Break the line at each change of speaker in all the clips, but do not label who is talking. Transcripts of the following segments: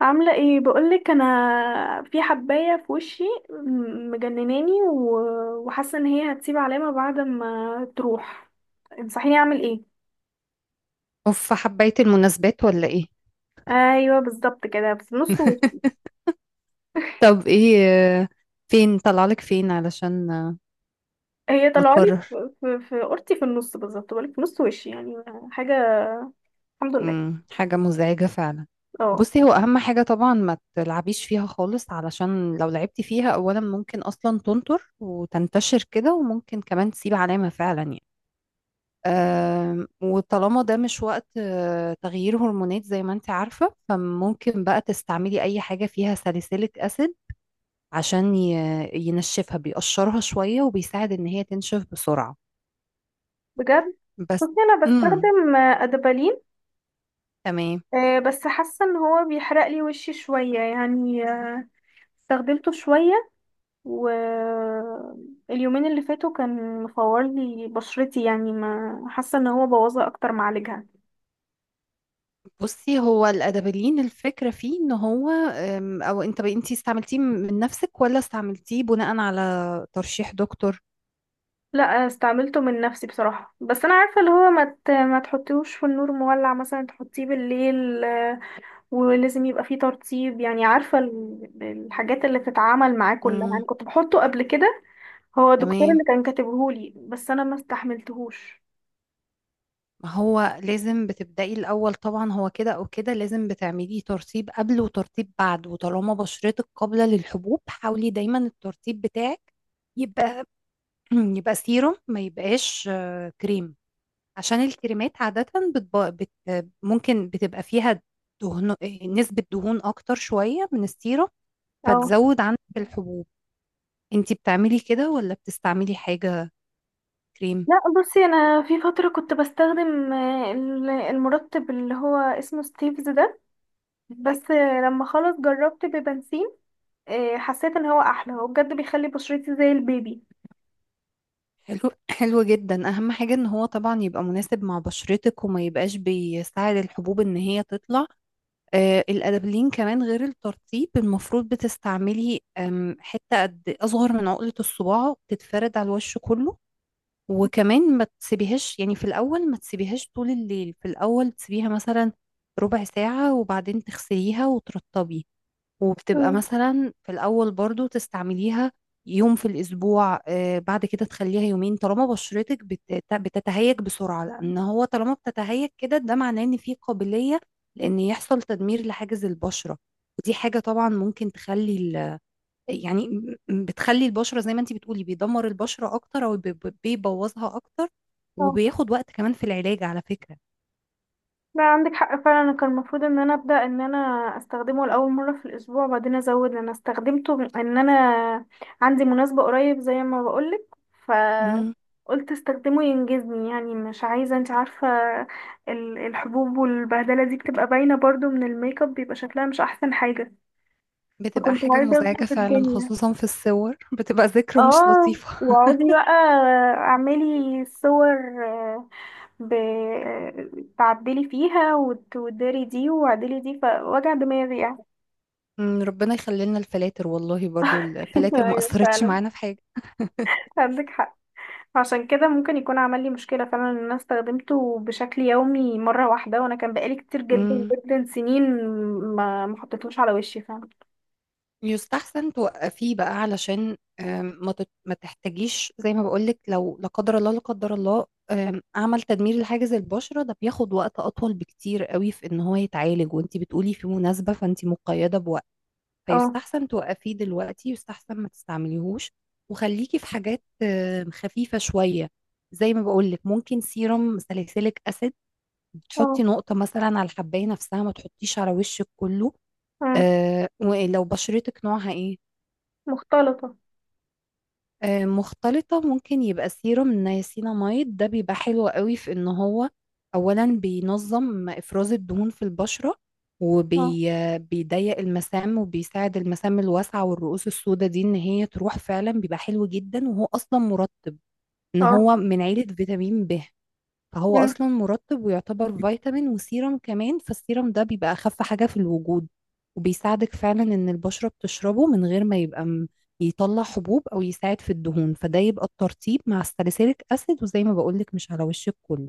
عاملة ايه؟ بقولك انا في حباية في وشي، مجنناني وحاسة ان هي هتسيب علامة بعد ما تروح. انصحيني اعمل ايه؟
اوف، حبيت المناسبات ولا ايه؟
ايوه بالظبط كده، في نص وشي.
طب ايه؟ آه، فين طلعلك؟ فين علشان
هي طلعالي
نقرر؟
في قرطي في النص بالظبط، بقولك في نص وشي يعني. حاجة. الحمد لله.
حاجة مزعجة فعلا.
اه،
بصي، هو اهم حاجة طبعا ما تلعبيش فيها خالص، علشان لو لعبتي فيها اولا ممكن اصلا تنطر وتنتشر كده، وممكن كمان تسيب علامة فعلا يعني. وطالما ده مش وقت تغيير هرمونات زي ما انت عارفة، فممكن بقى تستعملي اي حاجة فيها ساليسيليك اسيد عشان ينشفها، بيقشرها شوية وبيساعد إن هي تنشف بسرعة
بجد.
بس.
بصي، انا
امم
بستخدم ادبالين.
تمام.
بس حاسة ان هو بيحرق لي وشي شوية يعني. استخدمته شوية. واليومين اللي فاتوا كان مفور لي بشرتي، يعني ما حاسه ان هو بوظها اكتر ما عالجها.
بصي، هو الأدابلين الفكرة فيه إن هو أو أنت استعملتيه من نفسك ولا استعملتيه بناء على ترشيح دكتور؟
لا، استعملته من نفسي بصراحه، بس انا عارفه اللي هو ما تحطيهوش في النور مولع، مثلا تحطيه بالليل. ولازم يبقى فيه ترطيب، يعني عارفه الحاجات اللي بتتعامل معاه كلها
امم،
يعني، كنت بحطه قبل كده. هو دكتور
تمام.
اللي كان كاتبهولي بس انا ما استحملتهوش.
ما هو لازم بتبدأي الأول طبعا، هو كده أو كده لازم بتعملي ترطيب قبل وترطيب بعد، وطالما بشرتك قابلة للحبوب حاولي دايما الترطيب بتاعك يبقى يبقى سيروم، ما يبقاش كريم، عشان الكريمات عادة بتب... بت... ممكن بتبقى فيها دهن... نسبة دهون أكتر شوية من السيرة،
اه.
فتزود عندك الحبوب. انتي بتعملي كده ولا بتستعملي حاجة كريم؟
لا بصي، انا في فتره كنت بستخدم المرطب اللي هو اسمه ستيفز ده، بس لما خلاص جربت ببنسين. حسيت ان هو احلى، هو بجد بيخلي بشرتي زي البيبي.
حلو حلو جدا. أهم حاجة ان هو طبعا يبقى مناسب مع بشرتك، وما يبقاش بيساعد الحبوب ان هي تطلع. آه، الأدابلين كمان غير الترطيب المفروض بتستعملي حتة قد أصغر من عقلة الصباع تتفرد على الوش كله، وكمان ما تسيبيهاش يعني في الأول، ما تسيبيهاش طول الليل. في الأول تسيبيها مثلا ربع ساعة وبعدين تغسليها وترطبي. وبتبقى
مم.
مثلا في الأول برضو تستعمليها يوم في الأسبوع، آه بعد كده تخليها يومين. طالما بشرتك بتتهيج بسرعة، لأن هو طالما بتتهيج كده ده معناه إن في قابلية لأن يحصل تدمير لحاجز البشرة، ودي حاجة طبعا ممكن تخلي يعني بتخلي البشرة زي ما انتي بتقولي، بيدمر البشرة أكتر أو بيبوظها أكتر، وبياخد وقت كمان في العلاج على فكرة.
لا، عندك حق فعلا، أنا كان المفروض ان انا ابدا ان انا استخدمه لاول مره في الاسبوع، وبعدين ازود، انا استخدمته ان انا عندي مناسبه قريب زي ما بقولك. ف
مم.
قلت استخدمه ينجزني، يعني مش عايزه، انت عارفه الحبوب والبهدله دي بتبقى باينه برضو من الميك اب، بيبقى شكلها مش احسن حاجه.
بتبقى
فكنت
حاجة
عايزه
مزعجة
اظبط
فعلا،
الدنيا.
خصوصا في الصور بتبقى ذكرى مش
اه،
لطيفة.
واقعدي بقى اعملي صور، تعدلي فيها وتداري دي وعدلي دي، فوجع دماغي يعني.
مم. ربنا يخلي لنا الفلاتر، والله برضو الفلاتر ما
ايوه
أثرتش
فعلا،
معانا في
عندك حق. عشان كده ممكن يكون عمل لي مشكلة فعلا ان انا استخدمته بشكل يومي مرة واحدة، وانا كان بقالي كتير جدا
حاجة.
جدا سنين ما حطيتهوش على وشي فعلا.
يستحسن توقفيه بقى، علشان ما تحتاجيش زي ما بقولك لو لا قدر الله، لا قدر الله عمل تدمير لحاجز البشرة، ده بياخد وقت أطول بكتير قوي في إن هو يتعالج، وانتي بتقولي في مناسبة فانتي مقيدة بوقت،
اه،
فيستحسن توقفيه دلوقتي، يستحسن ما تستعمليهوش. وخليكي في حاجات خفيفة شوية، زي ما بقولك ممكن سيرم ساليسيليك أسيد تحطي
اه،
نقطة مثلا على الحباية نفسها، ما تحطيش على وشك كله.
آه.
ولو بشرتك نوعها ايه؟
مختلطة.
آه، مختلطة. ممكن يبقى سيروم النياسيناميد، ده بيبقى حلو قوي في ان هو اولا بينظم افراز الدهون في البشرة،
اه،
وبيضيق المسام، وبيساعد المسام الواسعة والرؤوس السوداء دي ان هي تروح فعلا. بيبقى حلو جدا، وهو اصلا مرطب، ان
اه،
هو من عيلة فيتامين ب، فهو
مم.
اصلا مرطب ويعتبر فيتامين وسيرم كمان. فالسيرم ده بيبقى اخف حاجة في الوجود، وبيساعدك فعلا ان البشرة بتشربه من غير ما يبقى يطلع حبوب او يساعد في الدهون. فده يبقى الترطيب مع الساليسيليك اسيد، وزي ما بقولك مش على وشك كله.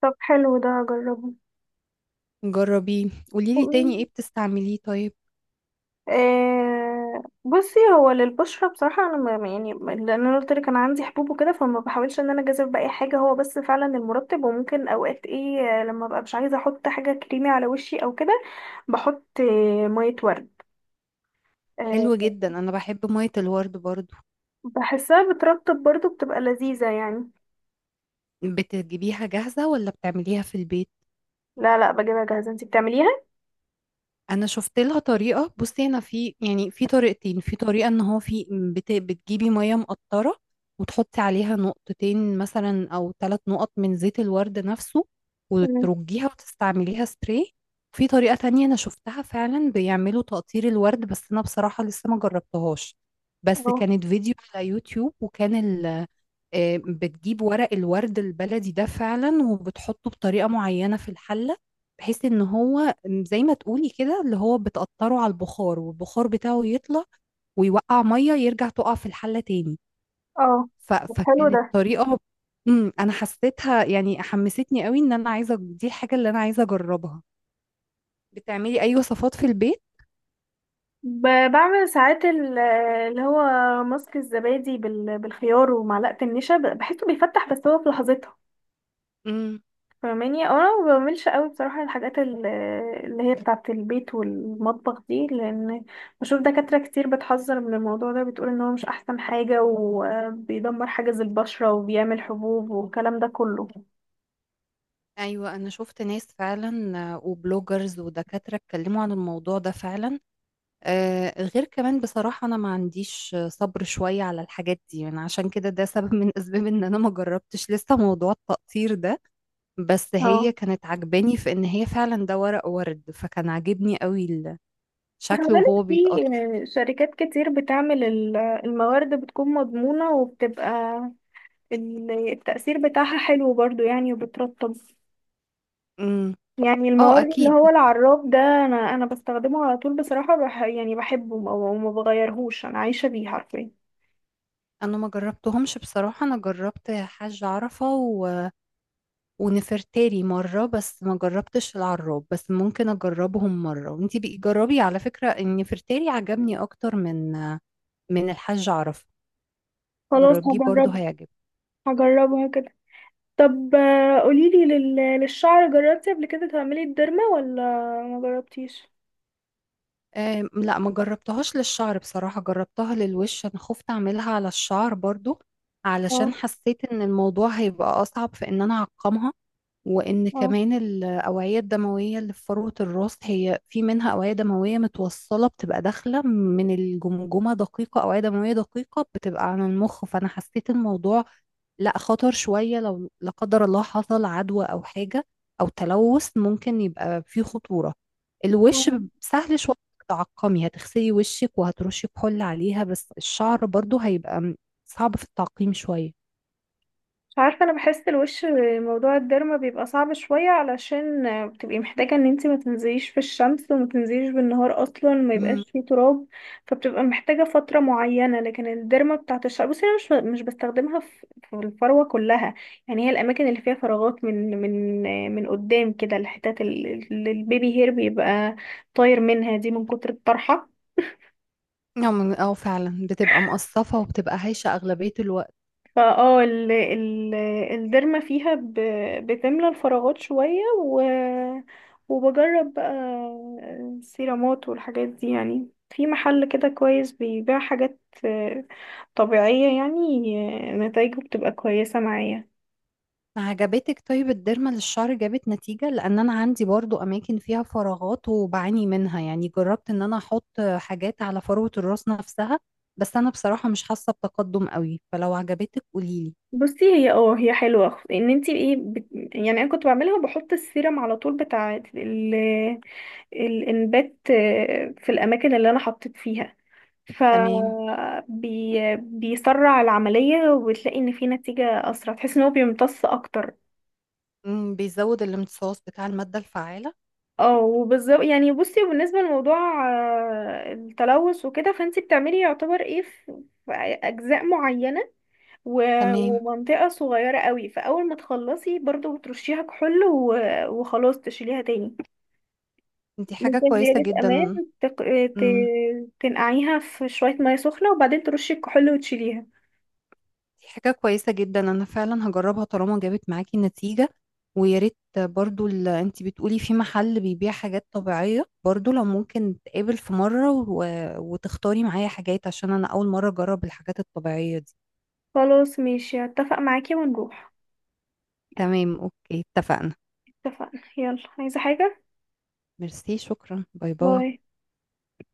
طب حلو ده، هجربه.
جربيه، قوليلي تاني. ايه بتستعمليه طيب؟
بصي، هو للبشرة بصراحة، أنا يعني لأن أنا قلت لك أنا عندي حبوب وكده، فما بحاولش إن أنا أجازف بأي حاجة، هو بس فعلا المرطب. وممكن أوقات إيه، لما ببقى مش عايزة أحط حاجة كريمي على وشي أو كده بحط مية ورد.
حلو
آه،
جدا، انا بحب مية الورد برضو.
بحسها بترطب برضو، بتبقى لذيذة يعني.
بتجيبيها جاهزة ولا بتعمليها في البيت؟
لا لا، بجيبها جاهزة، انتي بتعمليها؟
انا شفت لها طريقه. بصي، انا في يعني في طريقتين. في طريقه ان هو في بتجيبي ميه مقطره وتحطي عليها نقطتين مثلا او ثلاث نقط من زيت الورد نفسه،
مم.
وترجيها وتستعمليها سبراي. في طريقه تانية انا شفتها فعلا بيعملوا تقطير الورد، بس انا بصراحه لسه ما جربتهاش. بس
اه،
كانت فيديو على يوتيوب، وكان ال... آه، بتجيب ورق الورد البلدي ده فعلا، وبتحطه بطريقة معينة في الحلة، بحيث ان هو زي ما تقولي كده اللي هو بتقطره على البخار، والبخار بتاعه يطلع ويوقع مية، يرجع تقع في الحلة تاني.
اه. طب حلو ده.
فكانت طريقة. امم، انا حسيتها يعني حمستني قوي ان انا عايزة، دي الحاجة اللي انا عايزة اجربها. بتعملي اي وصفات في البيت؟
بعمل ساعات اللي هو ماسك الزبادي بالخيار ومعلقة النشا، بحسه بيفتح بس هو في لحظتها
امم.
فاهماني، أو انا ما بعملش قوي بصراحه الحاجات اللي هي بتاعه البيت والمطبخ دي، لان بشوف دكاتره كتير بتحذر من الموضوع ده، بتقول ان هو مش احسن حاجه وبيدمر حاجز البشره وبيعمل حبوب والكلام ده كله.
ايوه انا شفت ناس فعلا، وبلوجرز ودكاترة اتكلموا عن الموضوع ده فعلا. غير كمان بصراحة أنا ما عنديش صبر شوية على الحاجات دي، من عشان كده ده سبب من أسباب إن أنا ما جربتش لسه موضوع التقطير ده. بس هي
اه،
كانت عجباني في إن هي فعلا ده ورق ورد، فكان عاجبني قوي
خلي
شكله
بالك،
وهو
في
بيتقطع.
شركات كتير بتعمل الموارد بتكون مضمونه، وبتبقى التأثير بتاعها حلو برضو يعني، وبترطب.
أمم.
يعني
اه
المورد اللي
أكيد.
هو العراب ده، انا بستخدمه على طول بصراحة، يعني بحبه وما بغيرهوش، انا عايشة بيه حرفيا.
أنا ما جربتهمش بصراحة. أنا جربت حاج عرفة ونفرتاري مرة، بس ما جربتش العراب. بس ممكن أجربهم مرة، وانتي بقي جربي على فكرة، إن نفرتاري عجبني أكتر من من الحاج عرفة.
خلاص
جربيه برضو،
هجربه.
هيعجبك.
هجربها كده. طب قوليلي للشعر، جربتي قبل كده تعملي الديرما ولا ما جربتيش؟
أم، لا ما جربتهاش للشعر بصراحة، جربتها للوش. انا خفت اعملها على الشعر برضو، علشان
اه،
حسيت ان الموضوع هيبقى اصعب في ان انا اعقمها. وإن كمان الأوعية الدموية اللي في فروة الراس، هي في منها أوعية دموية متوصلة، بتبقى داخلة من الجمجمة دقيقة، أوعية دموية دقيقة بتبقى عن المخ. فأنا حسيت الموضوع لا خطر شوية، لو لا قدر الله حصل عدوى أو حاجة أو تلوث ممكن يبقى فيه خطورة. الوش
اه.
سهل شوية إنك تعقمي، هتغسلي وشك وهترشي كحول عليها، بس الشعر برضو هيبقى صعب في التعقيم شوية.
مش عارفة، انا بحس الوش، موضوع الديرما بيبقى صعب شوية علشان بتبقي محتاجة ان انتي ما تنزليش في الشمس وما تنزليش بالنهار اصلا، ما يبقاش فيه تراب، فبتبقى محتاجة فترة معينة. لكن الديرما بتاعت الشعر، بصي انا مش بستخدمها في الفروة كلها، يعني هي الاماكن اللي فيها فراغات، من قدام كده، الحتات اللي البيبي هير بيبقى طاير منها دي من كتر الطرحة.
نعم، اه فعلا بتبقى مقصفة وبتبقى هايشة أغلبية الوقت.
فاه ال ال الديرما فيها بتملى الفراغات شوية، و وبجرب بقى السيرامات والحاجات دي يعني، في محل كده كويس بيبيع حاجات آه، طبيعية يعني. نتايجه بتبقى كويسة معايا.
عجبتك طيب الديرما للشعر، جابت نتيجة؟ لأن أنا عندي برضو أماكن فيها فراغات وبعاني منها يعني. جربت إن أنا أحط حاجات على فروة الراس نفسها، بس أنا بصراحة مش حاسة بتقدم قوي. فلو عجبتك قوليلي.
بصي هي، اه هي حلوة، ان انتي ايه يعني انا كنت بعملها وبحط السيرم على طول بتاع ال- الانبات، في الاماكن اللي انا حطيت فيها. ف
تمام.
بيسرع العملية، وبتلاقي ان في نتيجة اسرع، تحس ان هو بيمتص اكتر.
مم، بيزود الامتصاص بتاع المادة الفعالة.
اه، وبالظبط يعني، بصي وبالنسبة لموضوع التلوث وكده، فانتي بتعملي يعتبر ايه في اجزاء معينة
تمام،
ومنطقة صغيرة قوي، فاول ما تخلصي برضو بترشيها كحول وخلاص تشيليها تاني.
دي حاجة
ممكن
كويسة
زيادة امان،
جدا.
تق... ت...
مم.
تنقعيها في شوية مية سخنة وبعدين ترشي الكحول وتشيليها.
دي حاجة كويسة جدا، أنا فعلا هجربها طالما جابت معاكي نتيجة. ويا ريت برضو اللي انتي بتقولي في محل بيبيع حاجات طبيعية برضو، لو ممكن نتقابل في مرة وتختاري معايا حاجات، عشان أنا أول مرة أجرب الحاجات الطبيعية دي.
خلاص ماشي، هتفق معاكي ونروح.
تمام، أوكي، اتفقنا.
اتفقنا، يلا عايزة حاجة؟
ميرسي، شكرا، باي باي.
باي.